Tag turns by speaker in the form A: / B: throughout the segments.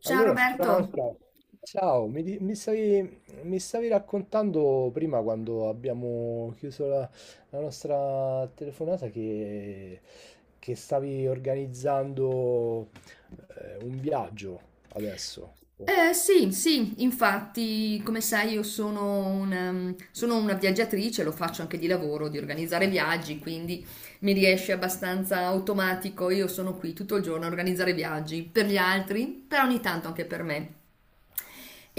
A: Ciao
B: Allora,
A: Roberto.
B: Franca, ciao, mi stavi raccontando prima quando abbiamo chiuso la nostra telefonata che stavi organizzando un viaggio adesso.
A: Sì, sì, infatti, come sai, io sono una viaggiatrice, lo faccio anche di lavoro, di organizzare viaggi, quindi mi riesce abbastanza automatico. Io sono qui tutto il giorno a organizzare viaggi per gli altri, però ogni tanto anche per me.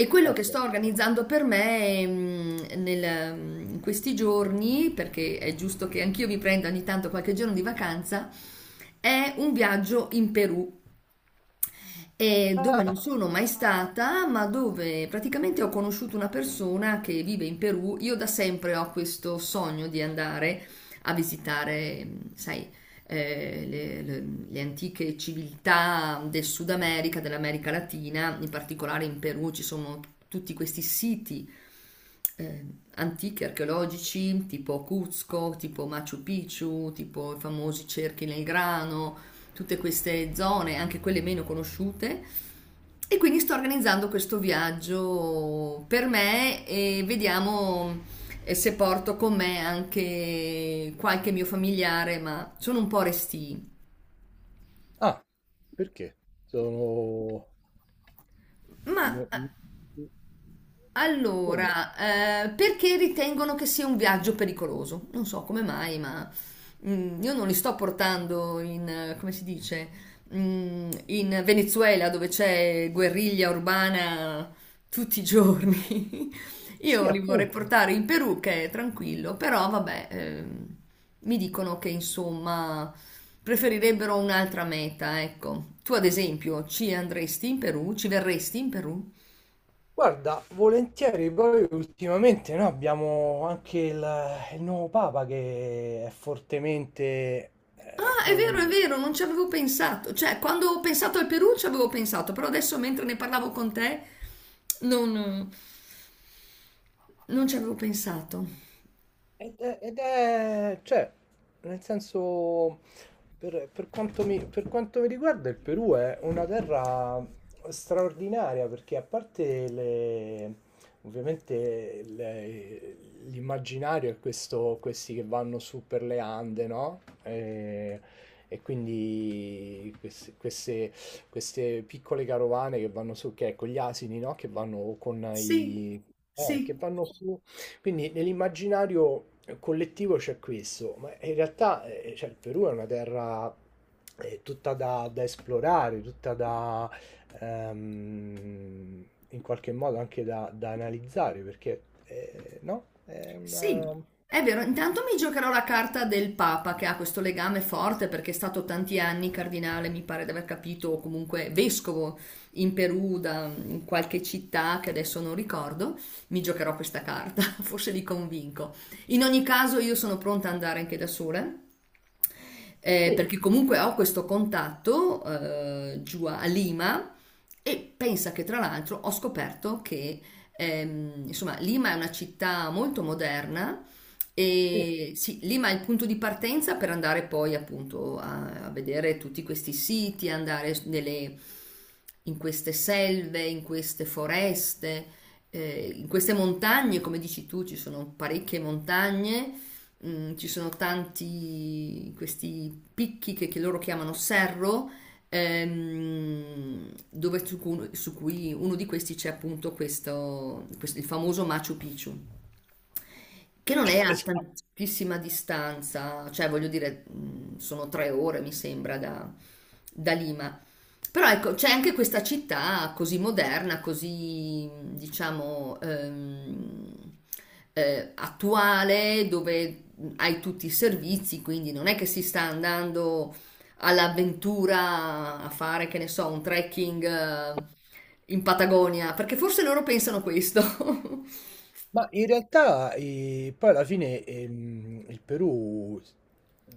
A: E quello che
B: Ecco.
A: sto organizzando per me in questi giorni, perché è giusto che anch'io mi prenda ogni tanto qualche giorno di vacanza, è un viaggio in Perù, dove non
B: Ah,
A: sono mai stata, ma dove praticamente ho conosciuto una persona che vive in Perù. Io da sempre ho questo sogno di andare a visitare, sai, le antiche civiltà del Sud America, dell'America Latina. In particolare in Perù ci sono tutti questi siti eh, antichi archeologici, tipo Cuzco, tipo Machu Picchu, tipo i famosi cerchi nel grano, tutte queste zone, anche quelle meno conosciute. E quindi sto organizzando questo viaggio per me e vediamo se porto con me anche qualche mio familiare, ma sono un po' restii.
B: ah, perché? Sono.
A: Ma
B: no- no- Come no?
A: allora, perché ritengono che sia un viaggio pericoloso? Non so come mai, ma io non li sto portando in, come si dice, in Venezuela dove c'è guerriglia urbana tutti i giorni.
B: Sì,
A: Io li vorrei
B: appunto.
A: portare in Perù che è tranquillo, però vabbè, mi dicono che insomma preferirebbero un'altra meta, ecco. Tu ad esempio ci andresti in Perù? Ci verresti in Perù?
B: Guarda, volentieri, poi ultimamente noi abbiamo anche il nuovo Papa che è fortemente,
A: Ah,
B: come
A: è
B: dire.
A: vero, non ci avevo pensato. Cioè, quando ho pensato al Perù ci avevo pensato, però adesso mentre ne parlavo con te non, non ci avevo pensato.
B: Cioè, nel senso, per quanto mi riguarda, il Perù è una terra straordinaria perché a parte ovviamente l'immaginario è questo, questi che vanno su per le Ande, no? E quindi queste piccole carovane che vanno su, che è con gli asini, no? Che vanno con
A: Sì,
B: i. Che
A: sì.
B: vanno su. Quindi nell'immaginario collettivo c'è questo, ma in realtà cioè, il Perù è una terra tutta da esplorare, tutta da in qualche modo anche da analizzare, perché no? È
A: Sì,
B: una.
A: è vero, intanto mi giocherò la carta del Papa che ha questo legame forte perché è stato tanti anni cardinale, mi pare di aver capito, o comunque vescovo in Perù da in qualche città che adesso non ricordo. Mi giocherò questa carta, forse li convinco. In ogni caso io sono pronta ad andare anche da sola,
B: Sì,
A: perché comunque ho questo contatto giù a Lima, e pensa che tra l'altro ho scoperto che insomma Lima è una città molto moderna
B: sì.
A: e sì, Lima è il punto di partenza per andare poi appunto a vedere tutti questi siti, andare in queste selve, in queste foreste, in queste montagne, come dici tu, ci sono parecchie montagne. Ci sono tanti questi picchi che loro chiamano serro, dove su cui uno di questi c'è appunto il famoso Machu Picchu, che non è a
B: Esatto.
A: tantissima distanza, cioè voglio dire, sono 3 ore mi sembra da Lima. Però ecco, c'è anche questa città così moderna, così diciamo attuale, dove hai tutti i servizi, quindi non è che si sta andando all'avventura a fare, che ne so, un trekking in Patagonia, perché forse loro pensano questo.
B: Ma in realtà poi alla fine il Perù,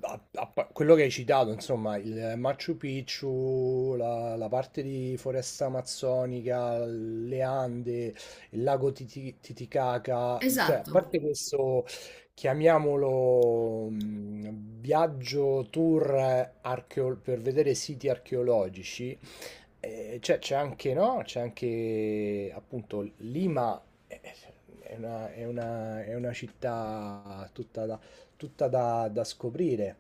B: quello che hai citato, insomma, il Machu Picchu, la parte di foresta amazzonica, le Ande, il lago Titicaca, cioè a
A: Esatto.
B: parte questo, chiamiamolo viaggio tour per vedere siti archeologici, c'è anche, no? C'è anche appunto Lima è è una, è una città tutta da scoprire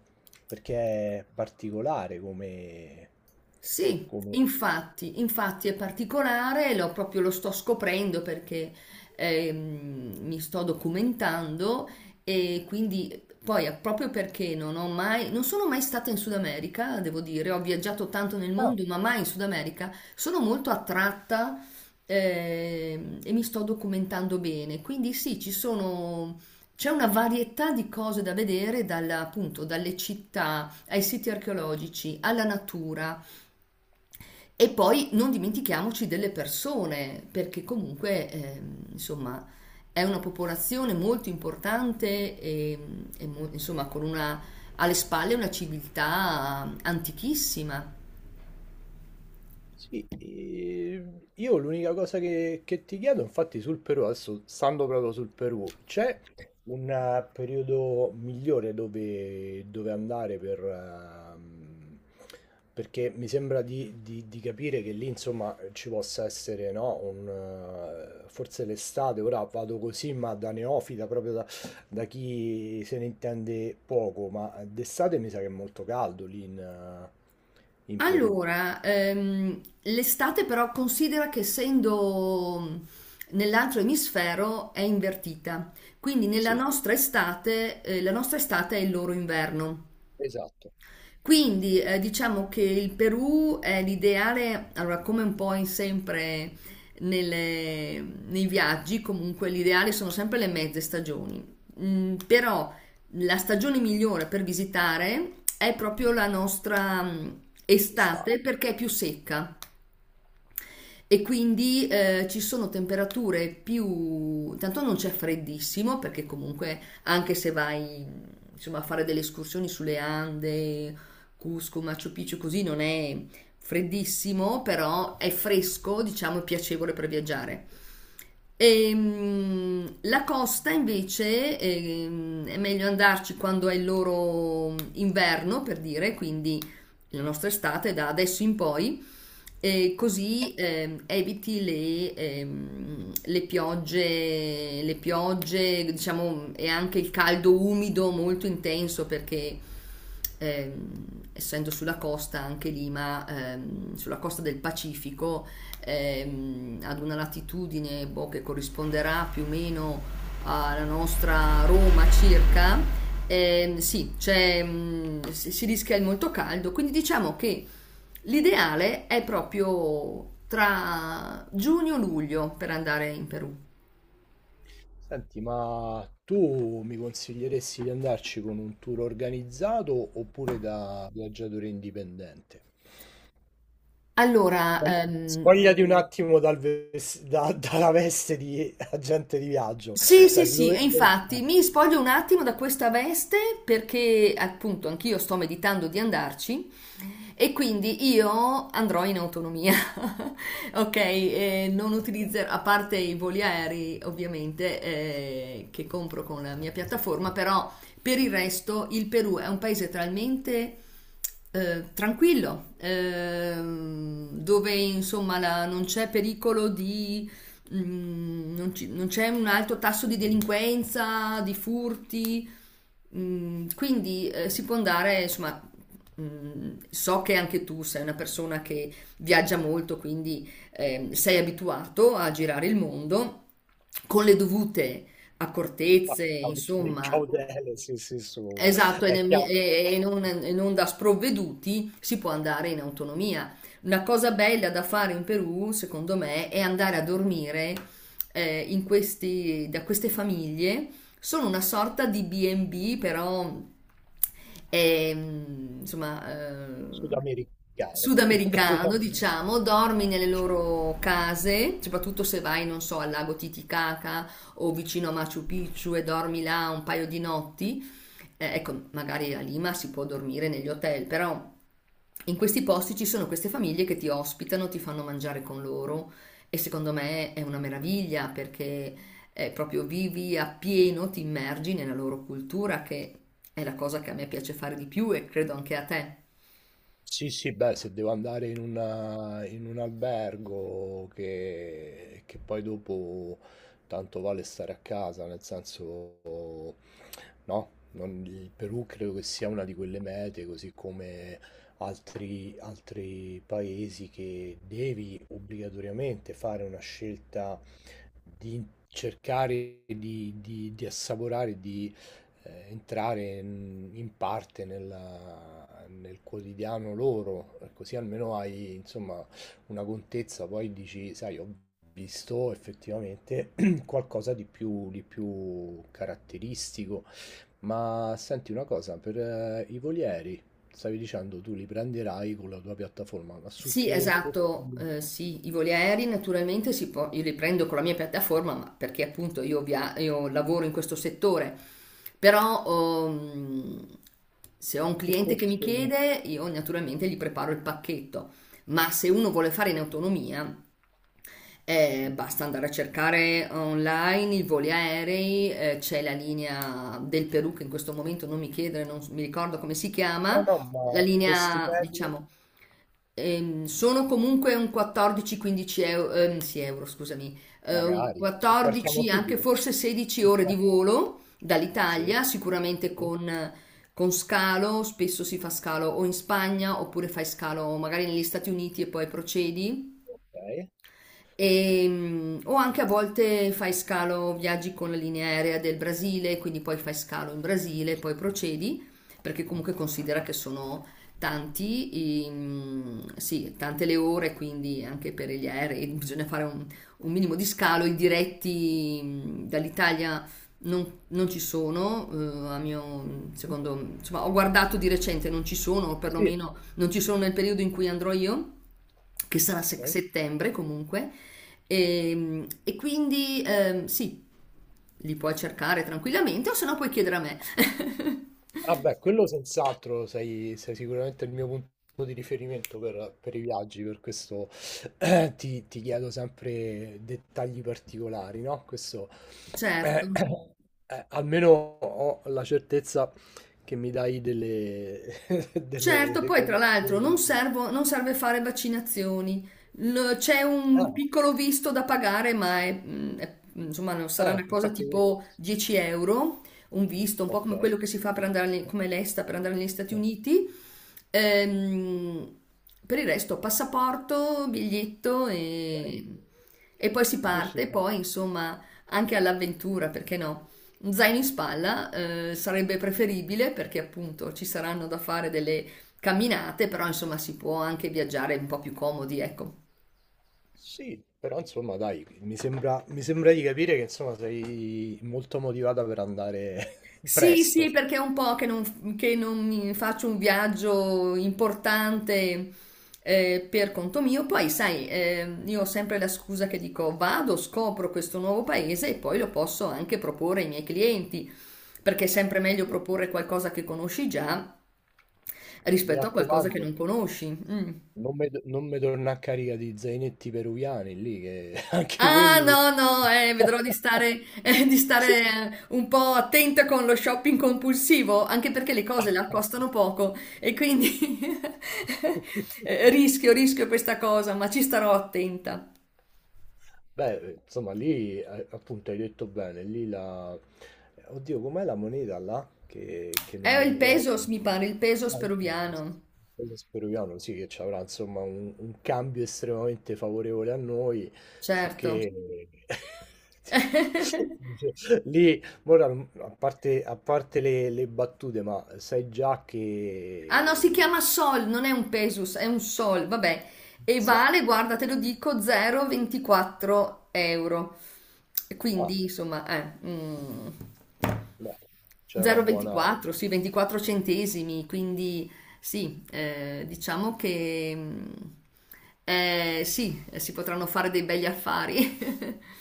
B: perché è particolare come,
A: Sì,
B: come...
A: infatti, infatti è particolare, lo, proprio lo sto scoprendo perché mi sto documentando. E quindi poi proprio perché non sono mai stata in Sud America, devo dire, ho viaggiato tanto nel mondo, ma mai in Sud America, sono molto attratta, e mi sto documentando bene. Quindi sì, c'è una varietà di cose da vedere, appunto, dalle città ai siti archeologici, alla natura, e poi non dimentichiamoci delle persone, perché comunque, insomma, è una popolazione molto importante e insomma, alle spalle una civiltà antichissima.
B: Sì, io l'unica cosa che ti chiedo, infatti, sul Perù, adesso stando proprio sul Perù, c'è un periodo migliore dove andare perché mi sembra di capire che lì, insomma, ci possa essere, no, forse l'estate, ora vado così, ma da neofita, proprio da chi se ne intende poco, ma d'estate mi sa che è molto caldo lì in Perù,
A: Allora, l'estate però considera che essendo nell'altro emisfero è invertita, quindi
B: sì.
A: la nostra estate è il loro inverno.
B: Esatto,
A: Quindi diciamo che il Perù è l'ideale, allora come un po' in sempre nelle- nei viaggi, comunque l'ideale sono sempre le mezze stagioni. Però la stagione migliore per visitare è proprio la nostra
B: quest'anno.
A: estate, perché è più secca. E quindi ci sono temperature più. Tanto non c'è freddissimo, perché comunque anche se vai, insomma, a fare delle escursioni sulle Ande, Cusco, Machu Picchu, così non è freddissimo, però è fresco, diciamo, e piacevole per viaggiare. La costa invece è meglio andarci quando è il loro inverno, per dire, quindi la nostra estate da adesso in poi, e così eviti le piogge, diciamo, e anche il caldo umido molto intenso, perché ehm, essendo sulla costa anche Lima, sulla costa del Pacifico, ad una latitudine boh, che corrisponderà più o meno alla nostra Roma circa, sì, c'è, mm, si si rischia il molto caldo, quindi diciamo che l'ideale è proprio tra giugno-luglio per andare in Perù.
B: Senti, ma tu mi consiglieresti di andarci con un tour organizzato oppure da viaggiatore indipendente?
A: Allora,
B: Spogli- Spogliati un attimo dalla veste di agente di viaggio,
A: sì, sì,
B: cioè, di
A: sì, e
B: dove.
A: infatti mi spoglio un attimo da questa veste perché appunto anch'io sto meditando di andarci. E quindi io andrò in autonomia, ok? E non utilizzerò, a parte i voli aerei ovviamente, che compro con la mia piattaforma, però per il resto il Perù è un paese talmente tranquillo, dove insomma non c'è pericolo di. Non c'è un alto tasso di delinquenza, di furti. Quindi si può andare, insomma, so che anche tu sei una persona che viaggia molto, quindi sei abituato a girare il mondo con le dovute accortezze, insomma.
B: Cautele, sì, sì, su.
A: Esatto, e,
B: È
A: nemmi-
B: chiaro,
A: e- e non, e non da sprovveduti si può andare in autonomia. Una cosa bella da fare in Perù, secondo me, è andare a dormire da queste famiglie. Sono una sorta di B&B, però insomma,
B: sudamericano.
A: sudamericano, diciamo, dormi nelle loro case, soprattutto se vai, non so, al lago Titicaca o vicino a Machu Picchu, e dormi là un paio di notti. Ecco, magari a Lima si può dormire negli hotel, però in questi posti ci sono queste famiglie che ti ospitano, ti fanno mangiare con loro, e secondo me è una meraviglia perché proprio vivi appieno, ti immergi nella loro cultura, che è la cosa che a me piace fare di più, e credo anche a te.
B: Sì, sì, beh, se devo andare in un albergo che poi dopo tanto vale stare a casa, nel senso, no, il Perù credo che sia una di quelle mete, così come altri paesi che devi obbligatoriamente fare una scelta di cercare di assaporare, di entrare in parte nel quotidiano loro, così almeno hai insomma una contezza, poi dici, sai, ho visto effettivamente qualcosa di più caratteristico. Ma senti una cosa, per i volieri, stavi dicendo tu li prenderai con la tua piattaforma, ma su
A: Sì,
B: che costo?
A: esatto, sì, i voli aerei naturalmente si può, io li prendo con la mia piattaforma, ma perché appunto io lavoro in questo settore, però ehm, se ho un
B: Che
A: cliente che mi
B: costo?
A: chiede, io naturalmente gli preparo il pacchetto, ma se uno vuole fare in autonomia,
B: Sì.
A: basta andare a cercare online i voli aerei. C'è la linea del Perù che in questo momento non mi chiedere, non s- mi ricordo come si
B: No,
A: chiama,
B: no, ma
A: la
B: costi
A: linea,
B: medi?
A: diciamo. Sono comunque un 14-15 euro, sì, euro, scusami, un
B: Magari, partiamo
A: 14, anche
B: subito.
A: forse 16 ore di volo
B: Sì.
A: dall'Italia, sicuramente
B: Sì.
A: con, scalo, spesso si fa scalo o in Spagna, oppure fai scalo magari negli Stati Uniti e poi procedi.
B: Okay.
A: E, o anche a volte fai scalo, viaggi con la linea aerea del Brasile, quindi poi fai scalo in Brasile, poi procedi, perché comunque considera che sono sì, tante le ore, quindi anche per gli aerei bisogna fare un minimo di scalo. I diretti dall'Italia non ci sono, a mio
B: Mh-mh.
A: secondo, insomma, ho guardato di recente, non ci sono, o
B: Sì.
A: perlomeno non ci sono nel periodo in cui andrò io, che sarà
B: Okay.
A: settembre comunque. E quindi sì, li puoi cercare tranquillamente o se no puoi chiedere a me.
B: Ah beh, quello senz'altro sei sicuramente il mio punto di riferimento per i viaggi, per questo ti chiedo sempre dettagli particolari, no, questo
A: Certo.
B: eh, almeno ho la certezza che mi dai delle
A: Certo,
B: delle
A: poi tra
B: cose
A: l'altro non serve fare vaccinazioni. C'è un
B: ah,
A: piccolo visto da pagare, ma insomma, non sarà una cosa
B: infatti
A: tipo 10 euro, un visto, un po' come quello
B: okay.
A: che si fa per andare, come l'ESTA per andare negli Stati Uniti. Ehm, per il resto, passaporto, biglietto,
B: Okay.
A: e poi si
B: Sì, sì,
A: parte,
B: no.
A: poi insomma anche all'avventura, perché no? Un zaino in spalla, sarebbe preferibile perché appunto ci saranno da fare delle camminate, però insomma si può anche viaggiare un po' più comodi, ecco.
B: Sì, però insomma dai, mi sembra di capire che insomma sei molto motivata per andare
A: Sì,
B: presto.
A: sì, perché è un po' che non mi faccio un viaggio importante per conto mio. Poi, sai, io ho sempre la scusa che dico vado, scopro questo nuovo paese e poi lo posso anche proporre ai miei clienti, perché è sempre meglio proporre qualcosa che conosci già
B: Mi
A: rispetto a qualcosa che
B: raccomando,
A: non conosci. Mm.
B: non mi torna a carica di zainetti peruviani lì, che anche
A: Ah,
B: quelli.
A: no, no, vedrò di stare un po' attenta con lo shopping compulsivo, anche perché le cose là costano poco, e quindi rischio questa cosa, ma ci starò attenta.
B: Beh, insomma, lì appunto hai detto bene, lì la. Oddio, com'è la moneta là? Che
A: È
B: non mi
A: il
B: ricordo.
A: pesos, mi pare, il pesos
B: Ah, il peso
A: peruviano,
B: il peso peruviano, sì, che ci avrà insomma un cambio estremamente favorevole a noi,
A: certo.
B: sicché lì, ora, a parte le battute, ma sai già
A: Ah no,
B: che
A: si
B: non
A: chiama Sol, non è un Pesus, è un Sol, vabbè. E
B: so.
A: vale, guarda, te lo dico, 0,24 euro. E
B: Ah,
A: quindi, insomma,
B: beh, c'è una buona.
A: 0,24, sì, 24 centesimi. Quindi, sì, diciamo che sì, si potranno fare dei begli affari.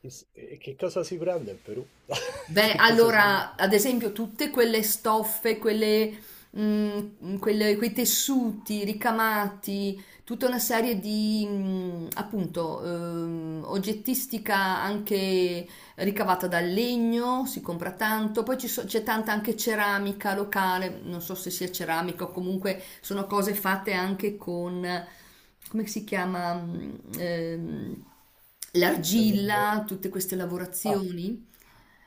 B: Chiss e che cosa si prende in Perù?
A: Beh,
B: Che cosa si prende?
A: allora, ad esempio, tutte quelle stoffe, quei tessuti ricamati, tutta una serie di, appunto, oggettistica anche ricavata dal legno, si compra tanto, poi c'è tanta anche ceramica locale, non so se sia ceramica o comunque sono cose fatte anche con, come si chiama, ehm,
B: Ehm,
A: l'argilla, tutte queste
B: ah,
A: lavorazioni.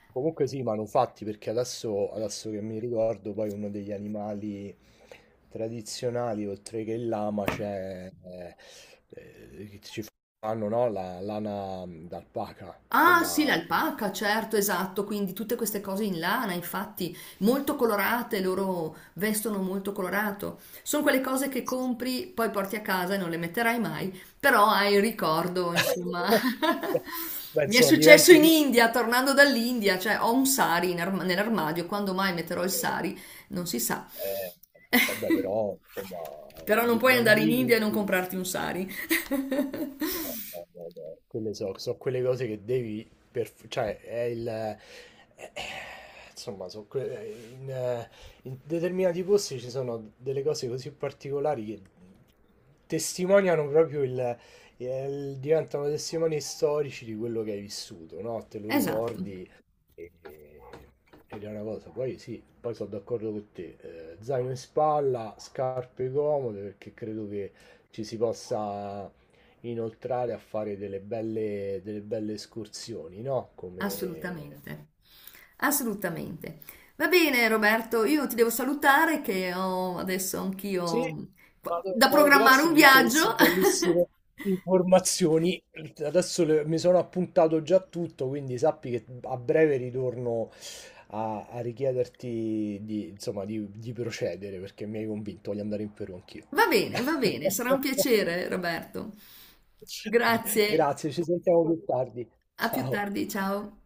B: Comunque sì, manufatti, perché adesso che mi ricordo, poi uno degli animali tradizionali, oltre che il lama, c'è che ci fanno, no, la lana d'alpaca,
A: Ah sì,
B: quella.
A: l'alpaca, certo, esatto, quindi tutte queste cose in lana, infatti, molto colorate, loro vestono molto colorato. Sono quelle cose che compri, poi porti a casa e non le metterai mai, però hai il ricordo, insomma.
B: Beh,
A: Mi è
B: insomma,
A: successo
B: diventi.
A: in India, tornando dall'India, cioè ho un sari nell'armadio, quando mai metterò il sari non si sa.
B: Eh, Vabbè, però, insomma,
A: Però non puoi
B: vai
A: andare in India e
B: lì.
A: non comprarti un sari.
B: No, no, no, no. Quelle so quelle cose che devi cioè è il eh, insomma in determinati posti ci sono delle cose così particolari che testimoniano proprio diventano testimoni storici di quello che hai vissuto, no? Te lo
A: Esatto.
B: ricordi e- ed è una cosa. Poi sì, poi sono d'accordo con te. Zaino in spalla, scarpe comode perché credo che ci si possa inoltrare a fare delle belle escursioni, no? Come.
A: Assolutamente, assolutamente. Va bene Roberto, io ti devo salutare che ho adesso anch'io
B: Sì, vado,
A: da
B: vado,
A: programmare
B: grazie
A: un
B: di tutte queste
A: viaggio.
B: bellissime informazioni. Adesso mi sono appuntato già tutto, quindi sappi che a breve ritorno a richiederti di, insomma, di procedere perché mi hai convinto, voglio andare in Perù anch'io.
A: Va bene, sarà un piacere Roberto. Grazie,
B: Grazie, ci sentiamo più tardi.
A: a più
B: Ciao.
A: tardi, ciao.